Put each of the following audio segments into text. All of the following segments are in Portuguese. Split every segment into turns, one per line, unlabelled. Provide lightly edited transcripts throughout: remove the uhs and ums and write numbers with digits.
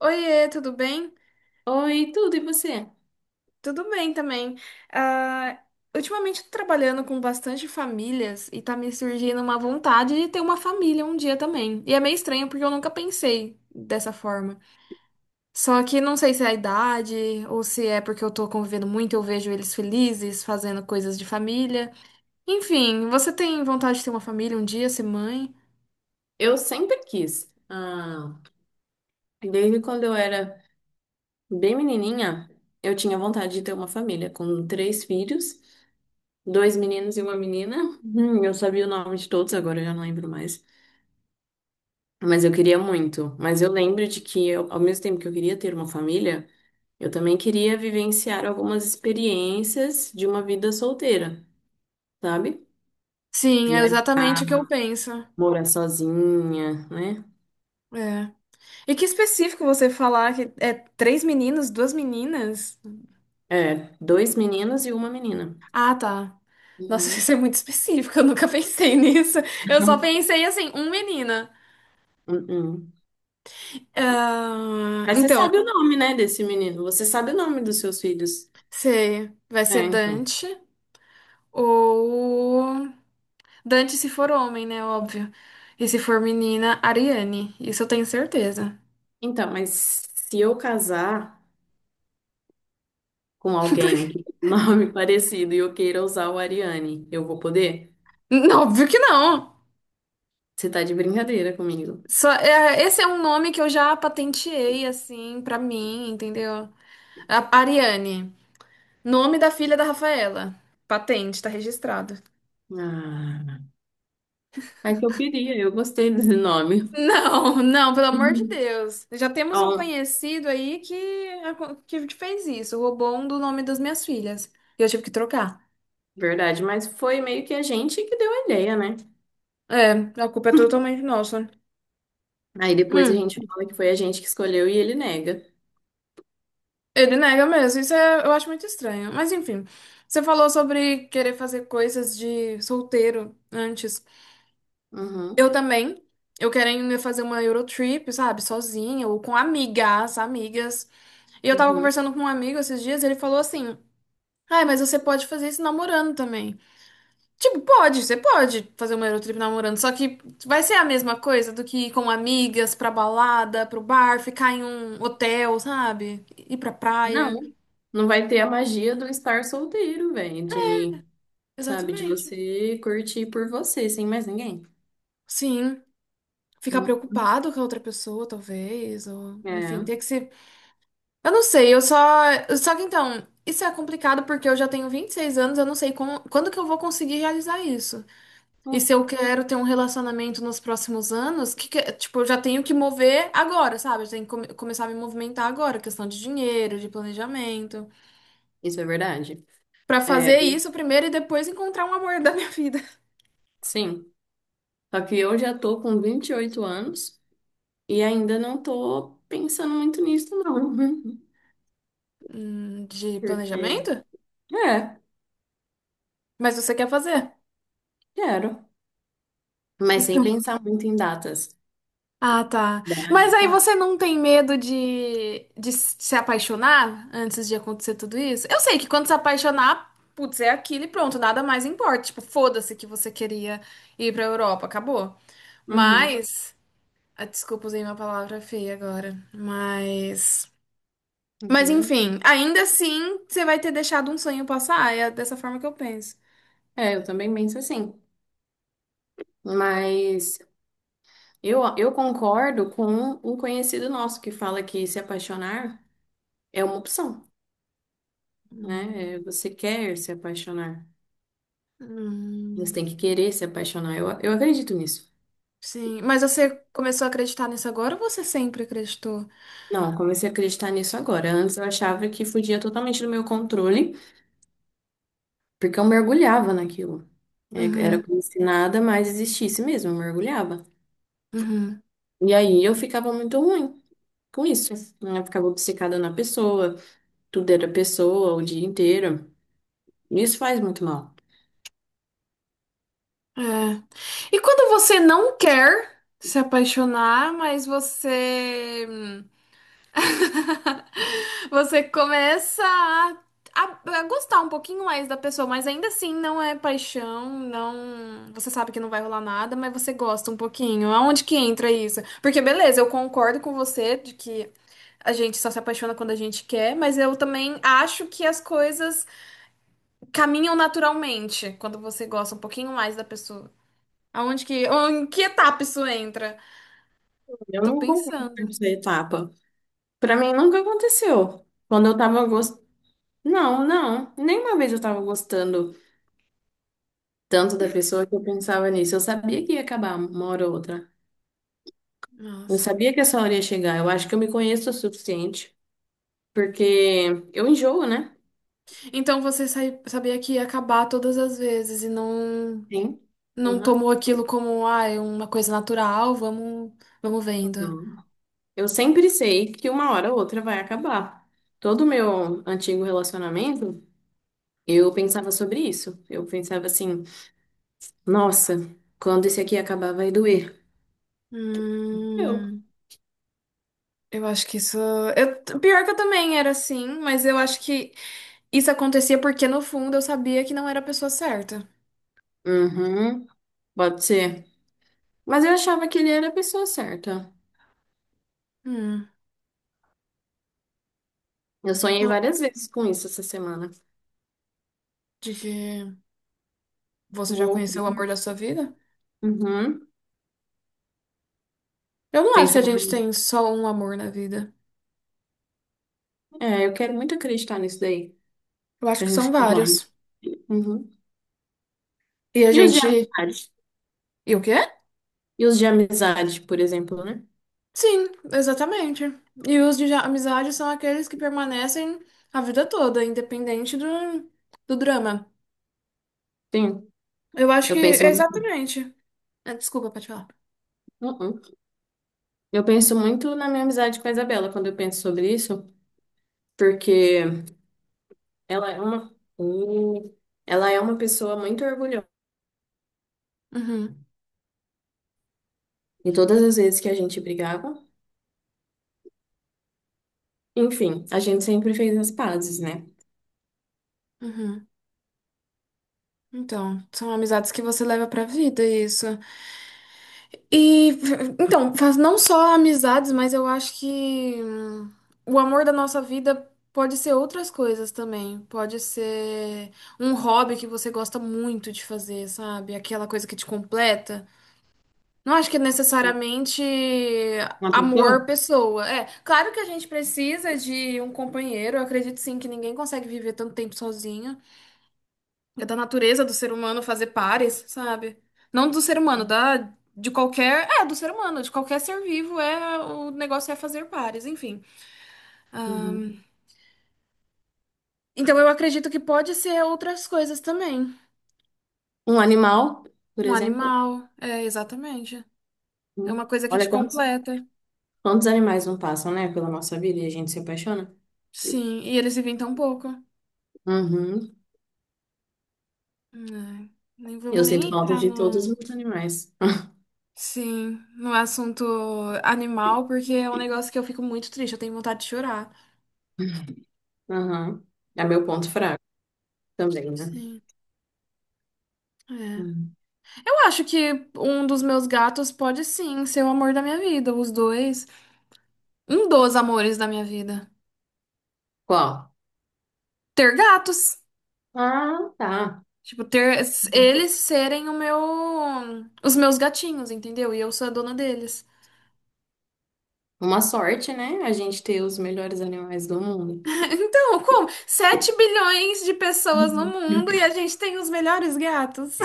Oiê, tudo bem?
Oi, tudo, e você?
Tudo bem também. Ah, Ultimamente tô trabalhando com bastante famílias e tá me surgindo uma vontade de ter uma família um dia também. E é meio estranho porque eu nunca pensei dessa forma. Só que não sei se é a idade ou se é porque eu tô convivendo muito, eu vejo eles felizes fazendo coisas de família. Enfim, você tem vontade de ter uma família um dia, ser mãe?
Eu sempre quis. Ah, desde quando eu era bem menininha, eu tinha vontade de ter uma família com três filhos, dois meninos e uma menina. Eu sabia o nome de todos, agora eu já não lembro mais. Mas eu queria muito. Mas eu lembro de que, ao mesmo tempo que eu queria ter uma família, eu também queria vivenciar algumas experiências de uma vida solteira, sabe?
Sim, é exatamente
Viajar,
o que eu penso.
morar sozinha, né?
É. E que específico você falar que é três meninos, duas meninas?
É, dois meninos e uma menina.
Ah, tá. Nossa,
Uhum.
isso é muito específico, eu nunca pensei nisso. Eu só
Uhum.
pensei assim, um menina.
Uhum.
Ah,
Mas você
então,
sabe o nome, né, desse menino? Você sabe o nome dos seus filhos?
sei, vai ser
É, então.
Dante ou Dante se for homem, né? Óbvio. E se for menina, Ariane. Isso eu tenho certeza.
Então, mas se eu casar com alguém
Porque-
que tem um nome parecido e eu queira usar o Ariane, eu vou poder?
não, óbvio que não.
Você tá de brincadeira comigo.
Só, é, esse é um nome que eu já patenteei, assim, pra mim, entendeu? A- Ariane. Nome da filha da Rafaela. Patente, tá registrado.
Ah, é que eu gostei desse nome.
Não, não, pelo amor de
Uhum.
Deus. Já temos um
Ó,
conhecido aí que fez isso, roubou um do nome das minhas filhas. E eu tive que trocar.
verdade, mas foi meio que a gente que deu a ideia, né?
É, a culpa é totalmente nossa.
Aí depois a
Hum,
gente fala que foi a gente que escolheu e ele nega.
Ele nega mesmo, isso é- eu acho muito estranho. Mas enfim, você falou sobre querer fazer coisas de solteiro antes.
Uhum.
Eu também. Eu querendo fazer uma Eurotrip, sabe, sozinha ou com amigas. E eu tava
Uhum.
conversando com um amigo esses dias e ele falou assim: ai, mas você pode fazer isso namorando também. Tipo, pode, você pode fazer uma Eurotrip namorando, só que vai ser a mesma coisa do que ir com amigas pra balada, pro bar, ficar em um hotel, sabe? Ir pra praia.
Não, não vai ter a magia do estar solteiro, velho, de, sabe, de
Exatamente.
você curtir por você, sem mais ninguém.
Sim, ficar
Hum,
preocupado com a outra pessoa, talvez, ou enfim,
É,
ter que se. Eu não sei, eu só. Só que então, isso é complicado porque eu já tenho 26 anos, eu não sei quando que eu vou conseguir realizar isso. E
hum,
se eu quero ter um relacionamento nos próximos anos, tipo, eu já tenho que mover agora, sabe? Eu tenho que começar a me movimentar agora, questão de dinheiro, de planejamento.
isso é verdade.
Pra
É,
fazer isso primeiro e depois encontrar um amor da minha vida.
sim. Só que eu já tô com 28 anos e ainda não tô pensando muito nisso, não.
De
Porque,
planejamento?
é,
Mas você quer fazer?
quero. Mas sem
Então.
pensar muito em datas.
Ah, tá. Mas
Idade,
aí
claro.
você não tem medo de se apaixonar antes de acontecer tudo isso? Eu sei que quando se apaixonar, putz, é aquilo e pronto, nada mais importa. Tipo, foda-se que você queria ir pra Europa, acabou.
Uhum,
Mas, ah, desculpa, usei uma palavra feia agora, mas
uhum.
enfim, ainda assim, você vai ter deixado um sonho passar, é dessa forma que eu penso.
É, eu também penso assim. Mas eu concordo com um conhecido nosso que fala que se apaixonar é uma opção, né? É,
Hum.
você quer se apaixonar. Você
Hum,
tem que querer se apaixonar. Eu acredito nisso.
sim, mas você começou a acreditar nisso agora ou você sempre acreditou?
Não, eu comecei a acreditar nisso agora. Antes eu achava que fugia totalmente do meu controle, porque eu mergulhava naquilo. É, era
Uhum,
como se nada mais existisse mesmo, eu mergulhava.
uhum,
E aí eu ficava muito ruim com isso, né? Eu ficava obcecada na pessoa, tudo era pessoa o dia inteiro. Isso faz muito mal.
é. E quando você não quer se apaixonar, mas você você começa a gostar um pouquinho mais da pessoa, mas ainda assim não é paixão, não. Você sabe que não vai rolar nada, mas você gosta um pouquinho. Aonde que entra isso? Porque beleza, eu concordo com você de que a gente só se apaixona quando a gente quer, mas eu também acho que as coisas caminham naturalmente quando você gosta um pouquinho mais da pessoa. Aonde que, em que etapa isso entra?
Eu
Tô
não concordo com
pensando.
essa etapa. Pra mim nunca aconteceu. Quando eu tava gostando. Não, não. Nenhuma vez eu tava gostando tanto da pessoa que eu pensava nisso. Eu sabia que ia acabar uma hora ou outra. Eu
Nossa.
sabia que essa hora ia chegar. Eu acho que eu me conheço o suficiente porque eu enjoo, né?
Então você sabia que ia acabar todas as vezes e não
Sim.
não
Uhum.
tomou aquilo como, ah, é uma coisa natural, vamos vendo.
Não. Eu sempre sei que uma hora ou outra vai acabar. Todo o meu antigo relacionamento, eu pensava sobre isso. Eu pensava assim, nossa, quando esse aqui acabar vai doer. Eu.
Hum, eu acho que isso. Eu, pior que eu também era assim, mas eu acho que isso acontecia porque no fundo eu sabia que não era a pessoa certa.
Uhum, pode ser. Mas eu achava que ele era a pessoa certa.
Hum,
Eu sonhei
então,
várias vezes com isso essa semana.
de que você já
Vou.
conheceu o amor da sua vida?
Uhum.
Eu não acho que a
Pensar,
gente tem só um amor na vida.
eu quero muito acreditar nisso daí.
Eu acho
Da
que
gente
são
que vai.
vários.
Uhum.
E a
E os de
gente.
amizade?
E o quê?
E os de amizade, por exemplo, né?
Sim, exatamente. E os de amizade são aqueles que permanecem a vida toda, independente do drama.
Sim,
Eu acho que,
eu penso.
exatamente. É, desculpa, pode falar.
Uh-uh. Eu penso muito na minha amizade com a Isabela quando eu penso sobre isso, porque ela é uma, Uh, ela é uma pessoa muito orgulhosa.
Uhum,
E todas as vezes que a gente brigava, enfim, a gente sempre fez as pazes, né?
uhum. Então, são amizades que você leva pra vida, isso. E, então, faz não só amizades, mas eu acho que o amor da nossa vida pode ser outras coisas também. Pode ser um hobby que você gosta muito de fazer, sabe? Aquela coisa que te completa. Não acho que é necessariamente
Uma
amor
pessoa?
pessoa. É, claro que a gente precisa de um companheiro. Eu acredito sim que ninguém consegue viver tanto tempo sozinho. É da natureza do ser humano fazer pares, sabe? Não do ser humano, da de qualquer, é, do ser humano, de qualquer ser vivo é o negócio é fazer pares, enfim.
Uhum.
Então eu acredito que pode ser outras coisas também.
Um animal, por
Um
exemplo.
animal, é exatamente. É uma
Uhum.
coisa que te
Olha quantos,
completa.
quantos animais não passam, né, pela nossa vida e a gente se apaixona.
Sim, e eles vivem tão pouco.
Uhum.
É, nem vamos
Eu
nem
sinto falta
entrar
de todos
no,
os animais.
sim, no assunto animal, porque é um negócio que eu fico muito triste, eu tenho vontade de chorar.
Aham. É meu ponto fraco também, né?
Sim, é.
Hum.
Eu acho que um dos meus gatos pode sim ser o amor da minha vida, os dois, um dos amores da minha vida.
Qual?
Ter gatos,
Ah, tá.
tipo, ter eles serem o meu, os meus gatinhos, entendeu? E eu sou a dona deles.
Uma sorte, né? A gente ter os melhores animais do mundo.
Então, como? 7 bilhões de pessoas no
Uhum.
mundo e a gente tem os melhores gatos.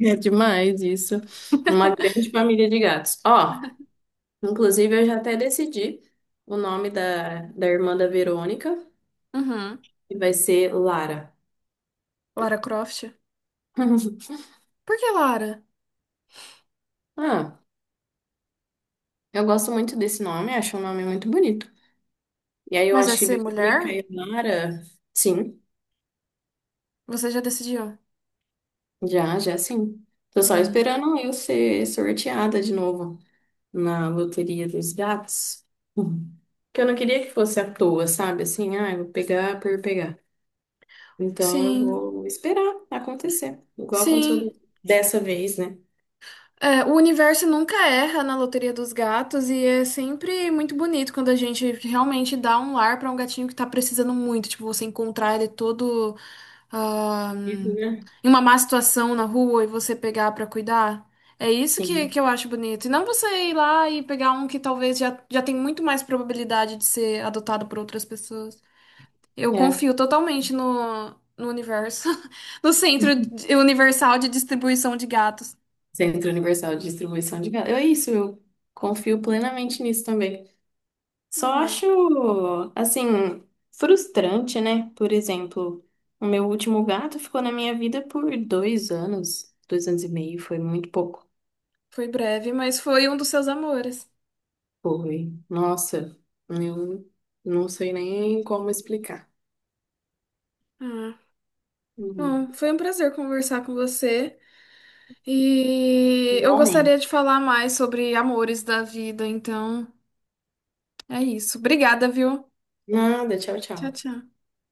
É demais isso. Uma grande família de gatos. Ó, inclusive eu já até decidi o nome da irmã da Verônica,
Uhum.
que vai ser Lara.
Lara Croft? Por que Lara?
Ah, eu gosto muito desse nome, acho um nome muito bonito. E aí eu
Mas vai
acho que
ser
Verônica
mulher?
e Lara, sim.
Você já decidiu?
Já, já sim. Tô só
Hum,
esperando eu ser sorteada de novo na loteria dos gatos. Uhum. Porque eu não queria que fosse à toa, sabe? Assim, ah, eu vou pegar por pegar. Então eu
sim,
vou esperar acontecer. Igual
sim.
aconteceu dessa vez, né?
É, o universo nunca erra na loteria dos gatos e é sempre muito bonito quando a gente realmente dá um lar pra um gatinho que tá precisando muito. Tipo, você encontrar ele todo ah,
Uhum, né?
em uma má situação na rua e você pegar pra cuidar. É isso que
Sim,
eu acho bonito. E não você ir lá e pegar um que talvez já, já tem muito mais probabilidade de ser adotado por outras pessoas. Eu
é.
confio totalmente no, no universo, no universal de distribuição de gatos.
Centro Universal de Distribuição de Gado. É isso, eu confio plenamente nisso também. Só
É.
acho, assim, frustrante, né? Por exemplo, o meu último gato ficou na minha vida por 2 anos, 2 anos e meio, foi muito pouco.
Foi breve, mas foi um dos seus amores.
Foi. Nossa, eu não sei nem como explicar.
Ah,
Uhum.
bom, foi um prazer conversar com você. E eu gostaria
Igualmente.
de falar mais sobre amores da vida, então é isso. Obrigada, viu?
Nada, tchau,
Tchau,
tchau.
tchau.